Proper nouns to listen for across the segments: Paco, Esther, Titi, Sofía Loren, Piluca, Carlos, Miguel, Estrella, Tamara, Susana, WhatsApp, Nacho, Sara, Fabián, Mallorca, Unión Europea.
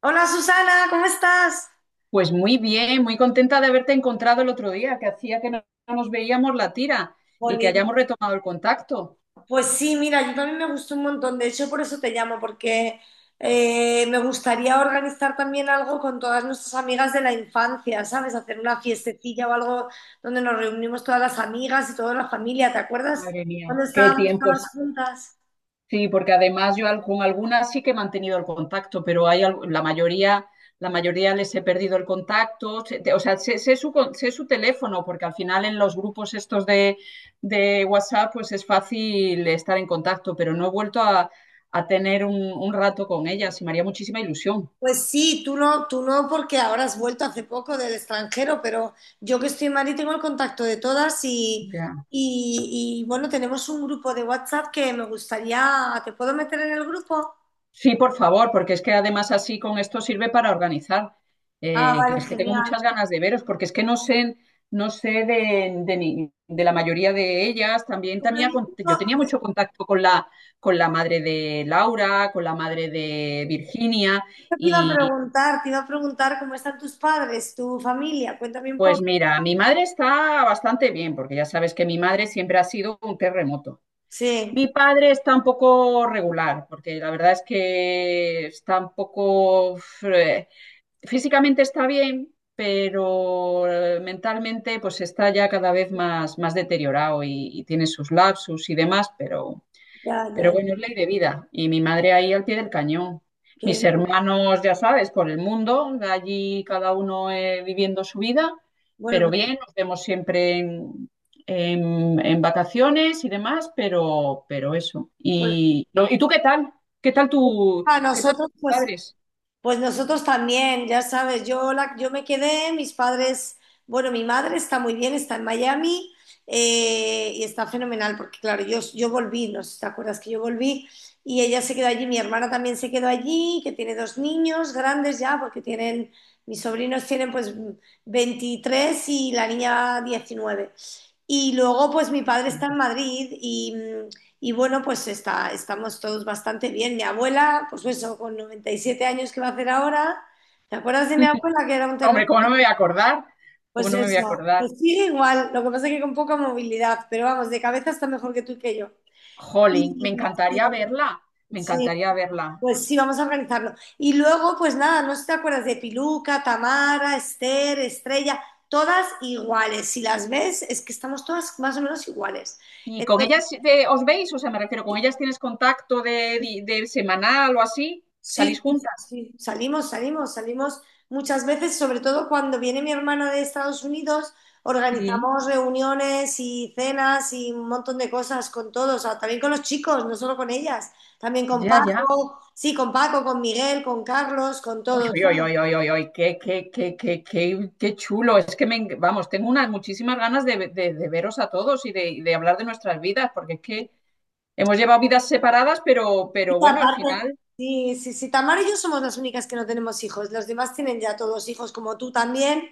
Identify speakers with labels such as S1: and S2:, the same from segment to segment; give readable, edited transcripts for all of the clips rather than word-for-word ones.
S1: Hola Susana, ¿cómo estás?
S2: Pues muy bien, muy contenta de haberte encontrado el otro día, que hacía que no nos veíamos la tira y que
S1: Jolín.
S2: hayamos retomado el contacto.
S1: Pues sí, mira, yo también me gustó un montón, de hecho por eso te llamo, porque me gustaría organizar también algo con todas nuestras amigas de la infancia, ¿sabes? Hacer una fiestecilla o algo donde nos reunimos todas las amigas y toda la familia, ¿te acuerdas?
S2: Madre mía,
S1: Cuando
S2: qué
S1: estábamos todas
S2: tiempos.
S1: juntas.
S2: Sí, porque además yo con algunas sí que he mantenido el contacto, pero hay la mayoría les he perdido el contacto. O sea, sé su, sé su teléfono, porque al final en los grupos estos de WhatsApp, pues es fácil estar en contacto, pero no he vuelto a tener un rato con ellas y me haría muchísima ilusión.
S1: Pues sí, tú no, porque ahora has vuelto hace poco del extranjero, pero yo que estoy en Madrid tengo el contacto de todas y,
S2: Ya.
S1: y, y, bueno, tenemos un grupo de WhatsApp que me gustaría. ¿Te puedo meter en el grupo?
S2: Sí, por favor, porque es que además así con esto sirve para organizar.
S1: Ah,
S2: Que
S1: vale,
S2: es que tengo
S1: genial.
S2: muchas ganas de veros, porque es que no sé, no sé de de la mayoría de ellas. También,
S1: Bueno,
S2: también
S1: yo
S2: yo tenía
S1: justo
S2: mucho contacto con con la madre de Laura, con la madre de Virginia, y
S1: te iba a preguntar cómo están tus padres, tu familia, cuéntame un
S2: pues
S1: poco.
S2: mira, mi madre está bastante bien, porque ya sabes que mi madre siempre ha sido un terremoto.
S1: Sí,
S2: Mi padre está un poco regular, porque la verdad es que está un poco... eh, físicamente está bien, pero mentalmente pues está ya cada vez más, más deteriorado y tiene sus lapsus y demás,
S1: ya,
S2: pero
S1: ya,
S2: bueno, es ley de vida. Y mi madre ahí al pie del cañón. Mis
S1: qué bien.
S2: hermanos, ya sabes, por el mundo, allí cada uno viviendo su vida, pero
S1: Bueno,
S2: bien, nos vemos siempre en en vacaciones y demás, pero eso.
S1: pues,
S2: Y, no, ¿y tú qué tal? ¿Qué tal
S1: pues, a
S2: qué tal
S1: nosotros,
S2: tus
S1: pues
S2: padres?
S1: Pues nosotros también, ya sabes, yo me quedé, mis padres, bueno, mi madre está muy bien, está en Miami y está fenomenal, porque claro, yo volví, no sé si te acuerdas que yo volví y ella se quedó allí, mi hermana también se quedó allí, que tiene dos niños grandes ya, porque tienen, mis sobrinos tienen pues 23 y la niña 19. Y luego, pues mi padre está en Madrid y bueno, pues estamos todos bastante bien. Mi abuela, pues eso, con 97 años que va a hacer ahora, ¿te acuerdas de mi abuela que era un
S2: Hombre,
S1: terremoto?
S2: ¿cómo no me voy a acordar? ¿Cómo
S1: Pues
S2: no me voy a
S1: eso,
S2: acordar?
S1: pues sigue igual, lo que pasa es que con poca movilidad, pero vamos, de cabeza está mejor que tú y que yo.
S2: Jolín, me encantaría
S1: Sí,
S2: verla, me
S1: sí,
S2: encantaría verla.
S1: pues sí, vamos a organizarlo. Y luego, pues nada, no sé si te acuerdas de Piluca, Tamara, Esther, Estrella, todas iguales. Si las ves, es que estamos todas más o menos iguales.
S2: ¿Y con ellas os veis? O sea, me refiero, ¿con ellas tienes contacto de de semanal o así? ¿Salís
S1: Sí, sí,
S2: juntas?
S1: sí, salimos, salimos, salimos muchas veces, sobre todo cuando viene mi hermana de Estados Unidos,
S2: Sí,
S1: organizamos reuniones y cenas y un montón de cosas con todos, ah, también con los chicos, no solo con ellas, también con
S2: ya, ya.
S1: Paco, sí, con Paco, con Miguel, con Carlos, con
S2: Uy,
S1: todos.
S2: uy, uy,
S1: ¿No?
S2: uy, uy, uy, uy, qué, qué, qué, qué, qué, qué chulo. Es que me, vamos, tengo unas muchísimas ganas de de- veros a todos y de hablar de nuestras vidas, porque es que hemos llevado vidas separadas,
S1: Y
S2: pero bueno, al
S1: aparte,
S2: final,
S1: sí, sí, sí, Tamara y yo somos las únicas que no tenemos hijos. Los demás tienen ya todos hijos, como tú también.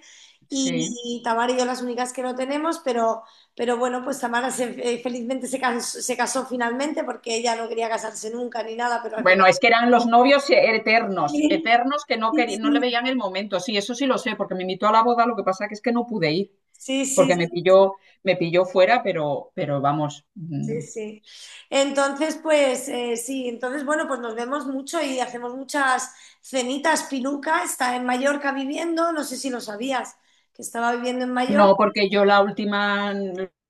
S2: sí.
S1: Y Tamara y yo las únicas que no tenemos, pero bueno, pues Tamara felizmente se casó finalmente porque ella no quería casarse nunca ni nada, pero al final.
S2: Bueno, es que eran los novios eternos,
S1: Sí,
S2: eternos que no
S1: sí,
S2: querían, no le
S1: sí.
S2: veían el momento. Sí, eso sí lo sé, porque me invitó a la boda, lo que pasa que es que no pude ir,
S1: Sí,
S2: porque
S1: sí,
S2: me pilló fuera, pero vamos,
S1: sí, sí. Entonces, pues sí, entonces, bueno, pues nos vemos mucho y hacemos muchas cenitas. Piluca está en Mallorca viviendo, no sé si lo sabías, que estaba viviendo en
S2: no,
S1: Mallorca.
S2: porque yo la última,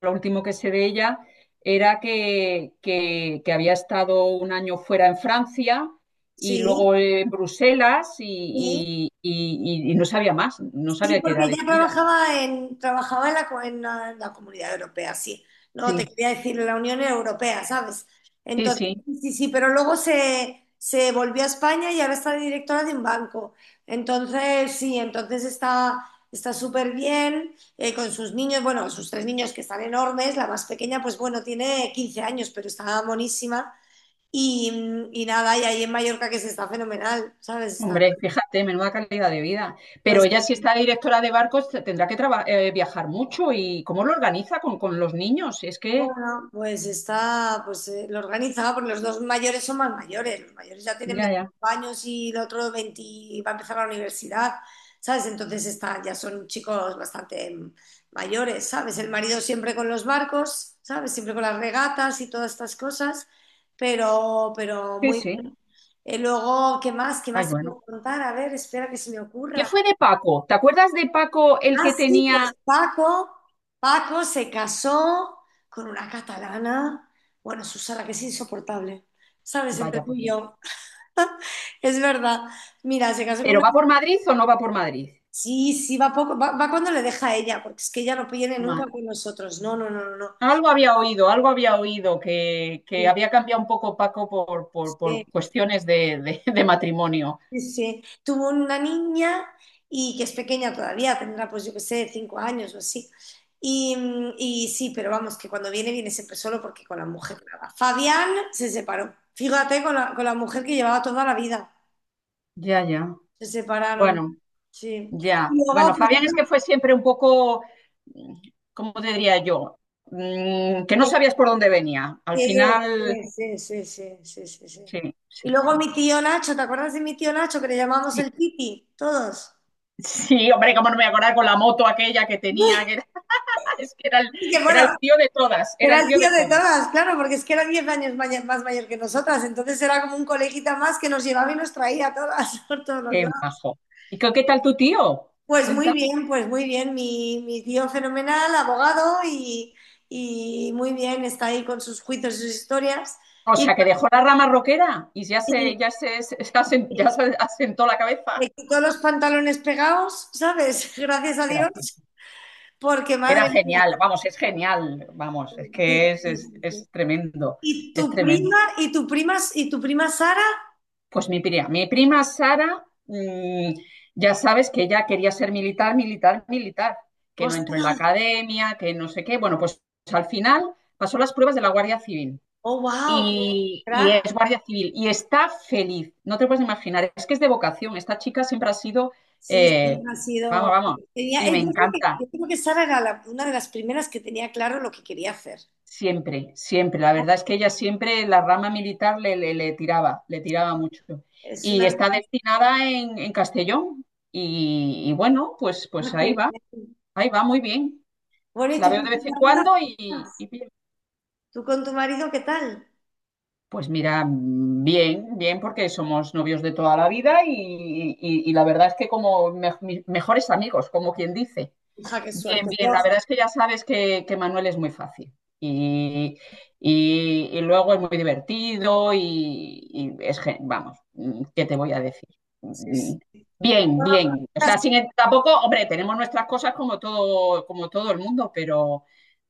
S2: lo último que sé de ella era que había estado un año fuera en Francia y
S1: Sí,
S2: luego en Bruselas
S1: sí,
S2: y y no sabía más, no
S1: sí,
S2: sabía qué
S1: porque
S2: era de
S1: ella
S2: su vida.
S1: trabajaba en la, co- en la Comunidad Europea, sí. No, te
S2: Sí,
S1: quería decir en la Unión Europea, ¿sabes?
S2: sí,
S1: Entonces,
S2: sí.
S1: sí, sí, sí, pero luego se volvió a España y ahora está de directora de un banco. Entonces, sí, entonces está súper bien con sus niños, bueno, sus tres niños que están enormes, la más pequeña, pues bueno, tiene 15 años, pero está monísima. Y nada, y ahí en Mallorca que se está fenomenal, ¿sabes? Está.
S2: Hombre, fíjate, menuda calidad de vida. Pero ella, si está directora de barcos, tendrá que viajar mucho. ¿Y cómo lo organiza con los niños? Es que,
S1: Bueno, pues está, lo organiza, porque los dos mayores son más mayores, los mayores ya tienen
S2: ya, ya.
S1: 25 años y el otro 20 va a empezar la universidad, ¿sabes? Entonces está, ya son chicos bastante mayores, ¿sabes? El marido siempre con los barcos, ¿sabes? Siempre con las regatas y todas estas cosas, pero
S2: Sí,
S1: muy
S2: sí.
S1: bien. Luego, ¿qué más? ¿Qué
S2: Ay,
S1: más te
S2: bueno.
S1: puedo contar? A ver, espera que se me
S2: ¿Qué
S1: ocurra.
S2: fue de Paco? ¿Te acuerdas de Paco el
S1: Ah,
S2: que
S1: sí,
S2: tenía...
S1: pues Paco, Paco se casó con una catalana. Bueno, Susana, que es insoportable. ¿Sabes? Entre
S2: Vaya,
S1: tú
S2: por
S1: y
S2: Dios.
S1: yo. Es verdad. Mira, se casó con
S2: ¿Pero
S1: una.
S2: va por Madrid o no va por Madrid?
S1: Sí, sí, va poco. Va, va cuando le deja a ella, porque es que ella no viene nunca
S2: Ma-
S1: con nosotros. No, no, no, no, no.
S2: Algo había oído, que había cambiado un poco Paco
S1: Sí.
S2: por cuestiones de, de matrimonio.
S1: Sí, sí. Tuvo una niña y que es pequeña todavía, tendrá pues yo qué sé, 5 años o así. Y, y sí, pero vamos, que cuando viene, viene siempre solo porque con la mujer nada. Fabián se separó. Fíjate, con la mujer que llevaba toda la vida.
S2: Ya, ya.
S1: Se separaron,
S2: Bueno.
S1: sí. Y
S2: Ya, bueno,
S1: luego, pues
S2: Fabián
S1: nada,
S2: es que fue siempre un poco, mm, ¿cómo te diría yo? Mm, que no
S1: mi-
S2: sabías por dónde venía. Al
S1: sí,
S2: final,
S1: sí, sí, sí, sí, sí, sí.
S2: sí,
S1: Y
S2: sí,
S1: luego
S2: sí.
S1: mi tío Nacho, ¿te acuerdas de mi tío Nacho que le llamamos
S2: Sí,
S1: el Titi? Todos.
S2: sí, hombre, cómo no me voy a acordar con la moto aquella que tenía, que era, es que
S1: Y que
S2: era el
S1: bueno,
S2: tío de todas, era
S1: era
S2: el
S1: el
S2: tío de
S1: tío de
S2: todas.
S1: todas, claro, porque es que era 10 años más mayor que nosotras, entonces era como un coleguita más que nos llevaba y nos traía a todas por todos los
S2: Qué
S1: lados.
S2: majo. ¿Y qué, qué tal tu tío? ¿Te cuenta?
S1: Pues muy bien, mi tío fenomenal, abogado y muy bien, está ahí con sus juicios y sus historias
S2: O
S1: y,
S2: sea, que dejó la rama roquera y ya
S1: y-
S2: se, ya se,
S1: y
S2: ya se asentó la cabeza.
S1: me quitó los pantalones pegados, ¿sabes? Gracias a Dios,
S2: Gracias.
S1: porque
S2: Era
S1: madre mía.
S2: genial, vamos,
S1: Sí,
S2: es
S1: sí,
S2: que
S1: sí, sí.
S2: es tremendo,
S1: Y
S2: es
S1: tu
S2: tremendo.
S1: prima, y tu prima, y tu prima Sara,
S2: Pues mi prima Sara, mm, ya sabes que ella quería ser militar, militar, militar, que no entró en la
S1: ostras,
S2: academia, que no sé qué. Bueno, pues al final pasó las pruebas de la Guardia Civil
S1: oh wow, qué
S2: y
S1: crack.
S2: es Guardia Civil y está feliz, no te puedes imaginar, es que es de vocación, esta chica siempre ha sido,
S1: Sí, siempre
S2: eh,
S1: ha
S2: vamos,
S1: sido.
S2: vamos, y me encanta.
S1: Yo creo que Sara era una de las primeras que tenía claro lo que quería hacer.
S2: Siempre, siempre. La verdad es que ella siempre, la rama militar le, le tiraba mucho.
S1: Es
S2: Y
S1: una.
S2: está destinada en Castellón. Y bueno, pues, pues
S1: que-
S2: ahí va muy bien.
S1: Bueno, ¿y
S2: La
S1: tú
S2: veo de
S1: con tu
S2: vez en
S1: marido
S2: cuando
S1: qué tal?
S2: y bien.
S1: ¿Tú con tu marido qué tal?
S2: Pues mira, bien, bien, porque somos novios de toda la vida y y la verdad es que como mis mejores amigos, como quien dice.
S1: Hija, qué
S2: Bien,
S1: suerte. Yo,
S2: bien, la verdad es que ya sabes que Manuel es muy fácil y, y y luego es muy divertido y es, vamos, mm, ¿qué te voy a decir?
S1: sí,
S2: Mm,
S1: sí.
S2: bien,
S1: Bueno,
S2: bien, o
S1: las-
S2: sea, sin, tampoco, hombre, tenemos nuestras cosas como todo el mundo, pero,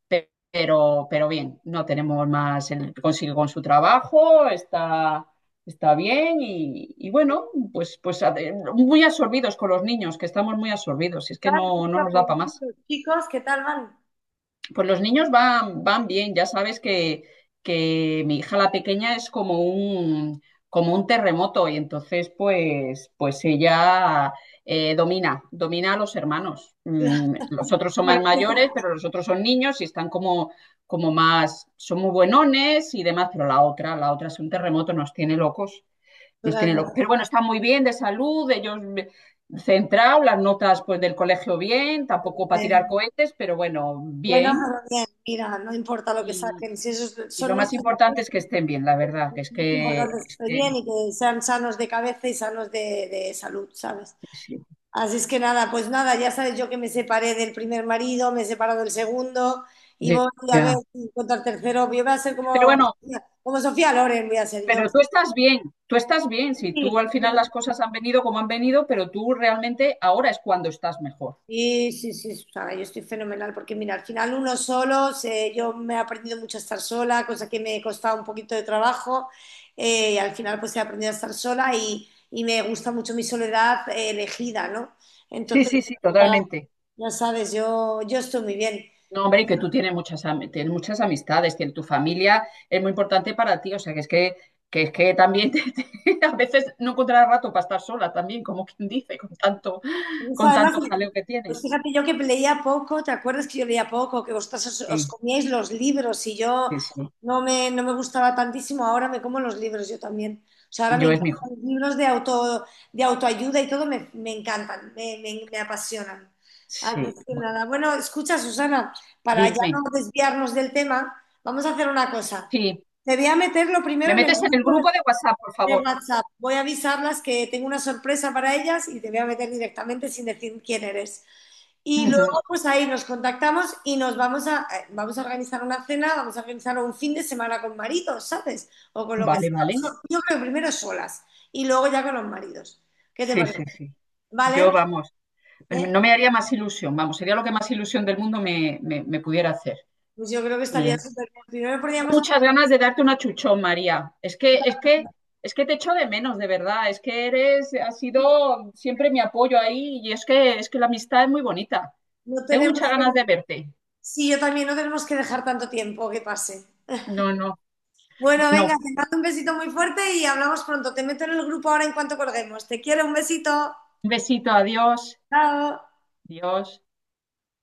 S2: pero bien, no tenemos más, él consigue con su trabajo, está, está bien y bueno, pues, muy absorbidos con los niños, que estamos muy absorbidos, es que
S1: las-
S2: no
S1: las-
S2: nos da
S1: los
S2: para más.
S1: chicos, ¿qué tal van?
S2: Pues los niños van, van bien, ya sabes que mi hija la pequeña es como como un terremoto y entonces pues, pues ella domina, domina a los hermanos.
S1: Claro,
S2: Mm, los otros son
S1: bueno,
S2: más
S1: sí,
S2: mayores, pero los otros son niños y están como, como más, son muy buenones y demás, pero la otra es un terremoto, nos tiene locos, nos tiene locos.
S1: claro.
S2: Pero bueno, está muy bien de salud, ellos centrados, las notas pues del colegio bien, tampoco para tirar
S1: Bien.
S2: cohetes, pero bueno,
S1: Bueno,
S2: bien
S1: pero bien, mira, no importa lo que
S2: y,
S1: saquen, si esos
S2: y
S1: son
S2: lo más
S1: notas de.
S2: importante es que estén bien, la verdad, que es
S1: Lo más
S2: que,
S1: importante es que
S2: es
S1: esté
S2: que
S1: bien y que sean sanos de cabeza y sanos de salud, ¿sabes?
S2: sí.
S1: Así es que nada, pues nada, ya sabes yo que me separé del primer marido, me he separado del segundo y voy a ver
S2: Ya.
S1: si encuentro al tercero. Yo voy a ser
S2: Pero
S1: como,
S2: bueno,
S1: como Sofía Loren, voy a ser yo.
S2: pero tú estás bien, si
S1: Sí,
S2: tú al final las cosas han venido como han venido, pero tú realmente ahora es cuando estás mejor.
S1: sí, sí, sí, Susana, yo estoy fenomenal porque mira, al final uno solo, yo me he aprendido mucho a estar sola, cosa que me costaba un poquito de trabajo, y al final pues he aprendido a estar sola y me gusta mucho mi soledad elegida, ¿no?
S2: Sí,
S1: Entonces,
S2: sí, sí,
S1: ya,
S2: totalmente.
S1: ya sabes, yo estoy muy bien.
S2: No, hombre, y que tú tienes muchas, tienes muchas amistades, que tu familia es muy importante para ti, o sea, que, es que también a veces no encontrarás rato para estar sola también, como quien dice,
S1: Eso,
S2: con
S1: además,
S2: tanto jaleo que
S1: pues
S2: tienes.
S1: fíjate yo que leía poco, ¿te acuerdas que yo leía poco? Que vosotros os, os
S2: Sí,
S1: comíais los libros y yo
S2: sí, sí.
S1: no me, no me gustaba tantísimo, ahora me como los libros yo también. O sea, ahora me
S2: Yo es mi
S1: encantan los libros de autoayuda y todo, me encantan. Me apasionan. Antes
S2: sí.
S1: que
S2: Bueno,
S1: nada. Bueno, escucha, Susana, para ya no
S2: dime.
S1: desviarnos del tema, vamos a hacer una cosa.
S2: Sí.
S1: Te voy a meter lo
S2: Me
S1: primero en el
S2: metes en el
S1: grupo
S2: grupo de WhatsApp, por
S1: de
S2: favor.
S1: WhatsApp. Voy a avisarlas que tengo una sorpresa para ellas y te voy a meter directamente sin decir quién eres. Y
S2: Ujú.
S1: luego, pues ahí nos contactamos y vamos a organizar una cena, vamos a organizar un fin de semana con maridos, ¿sabes? O con lo que
S2: Vale,
S1: sea.
S2: vale.
S1: Yo creo que primero solas y luego ya con los maridos. ¿Qué te
S2: Sí, sí,
S1: parece?
S2: sí. Yo,
S1: ¿Vale?
S2: vamos,
S1: ¿Eh?
S2: no me haría más ilusión, vamos, sería lo que más ilusión del mundo me, me pudiera hacer.
S1: Pues yo creo que estaría
S2: Bien.
S1: súper bien.
S2: Muchas ganas de darte una chuchón, María. Es que, es que, es que te echo de menos, de verdad. Es que eres, has sido siempre mi apoyo ahí y es que la amistad es muy bonita.
S1: No
S2: Tengo muchas
S1: tenemos
S2: ganas
S1: que,
S2: de verte.
S1: sí, yo también no tenemos que dejar tanto tiempo que pase.
S2: No, no.
S1: Bueno,
S2: Bueno,
S1: venga, te mando un besito muy fuerte y hablamos pronto. Te meto en el grupo ahora en cuanto colguemos. Te quiero, un besito.
S2: un besito, adiós.
S1: Chao.
S2: Adiós.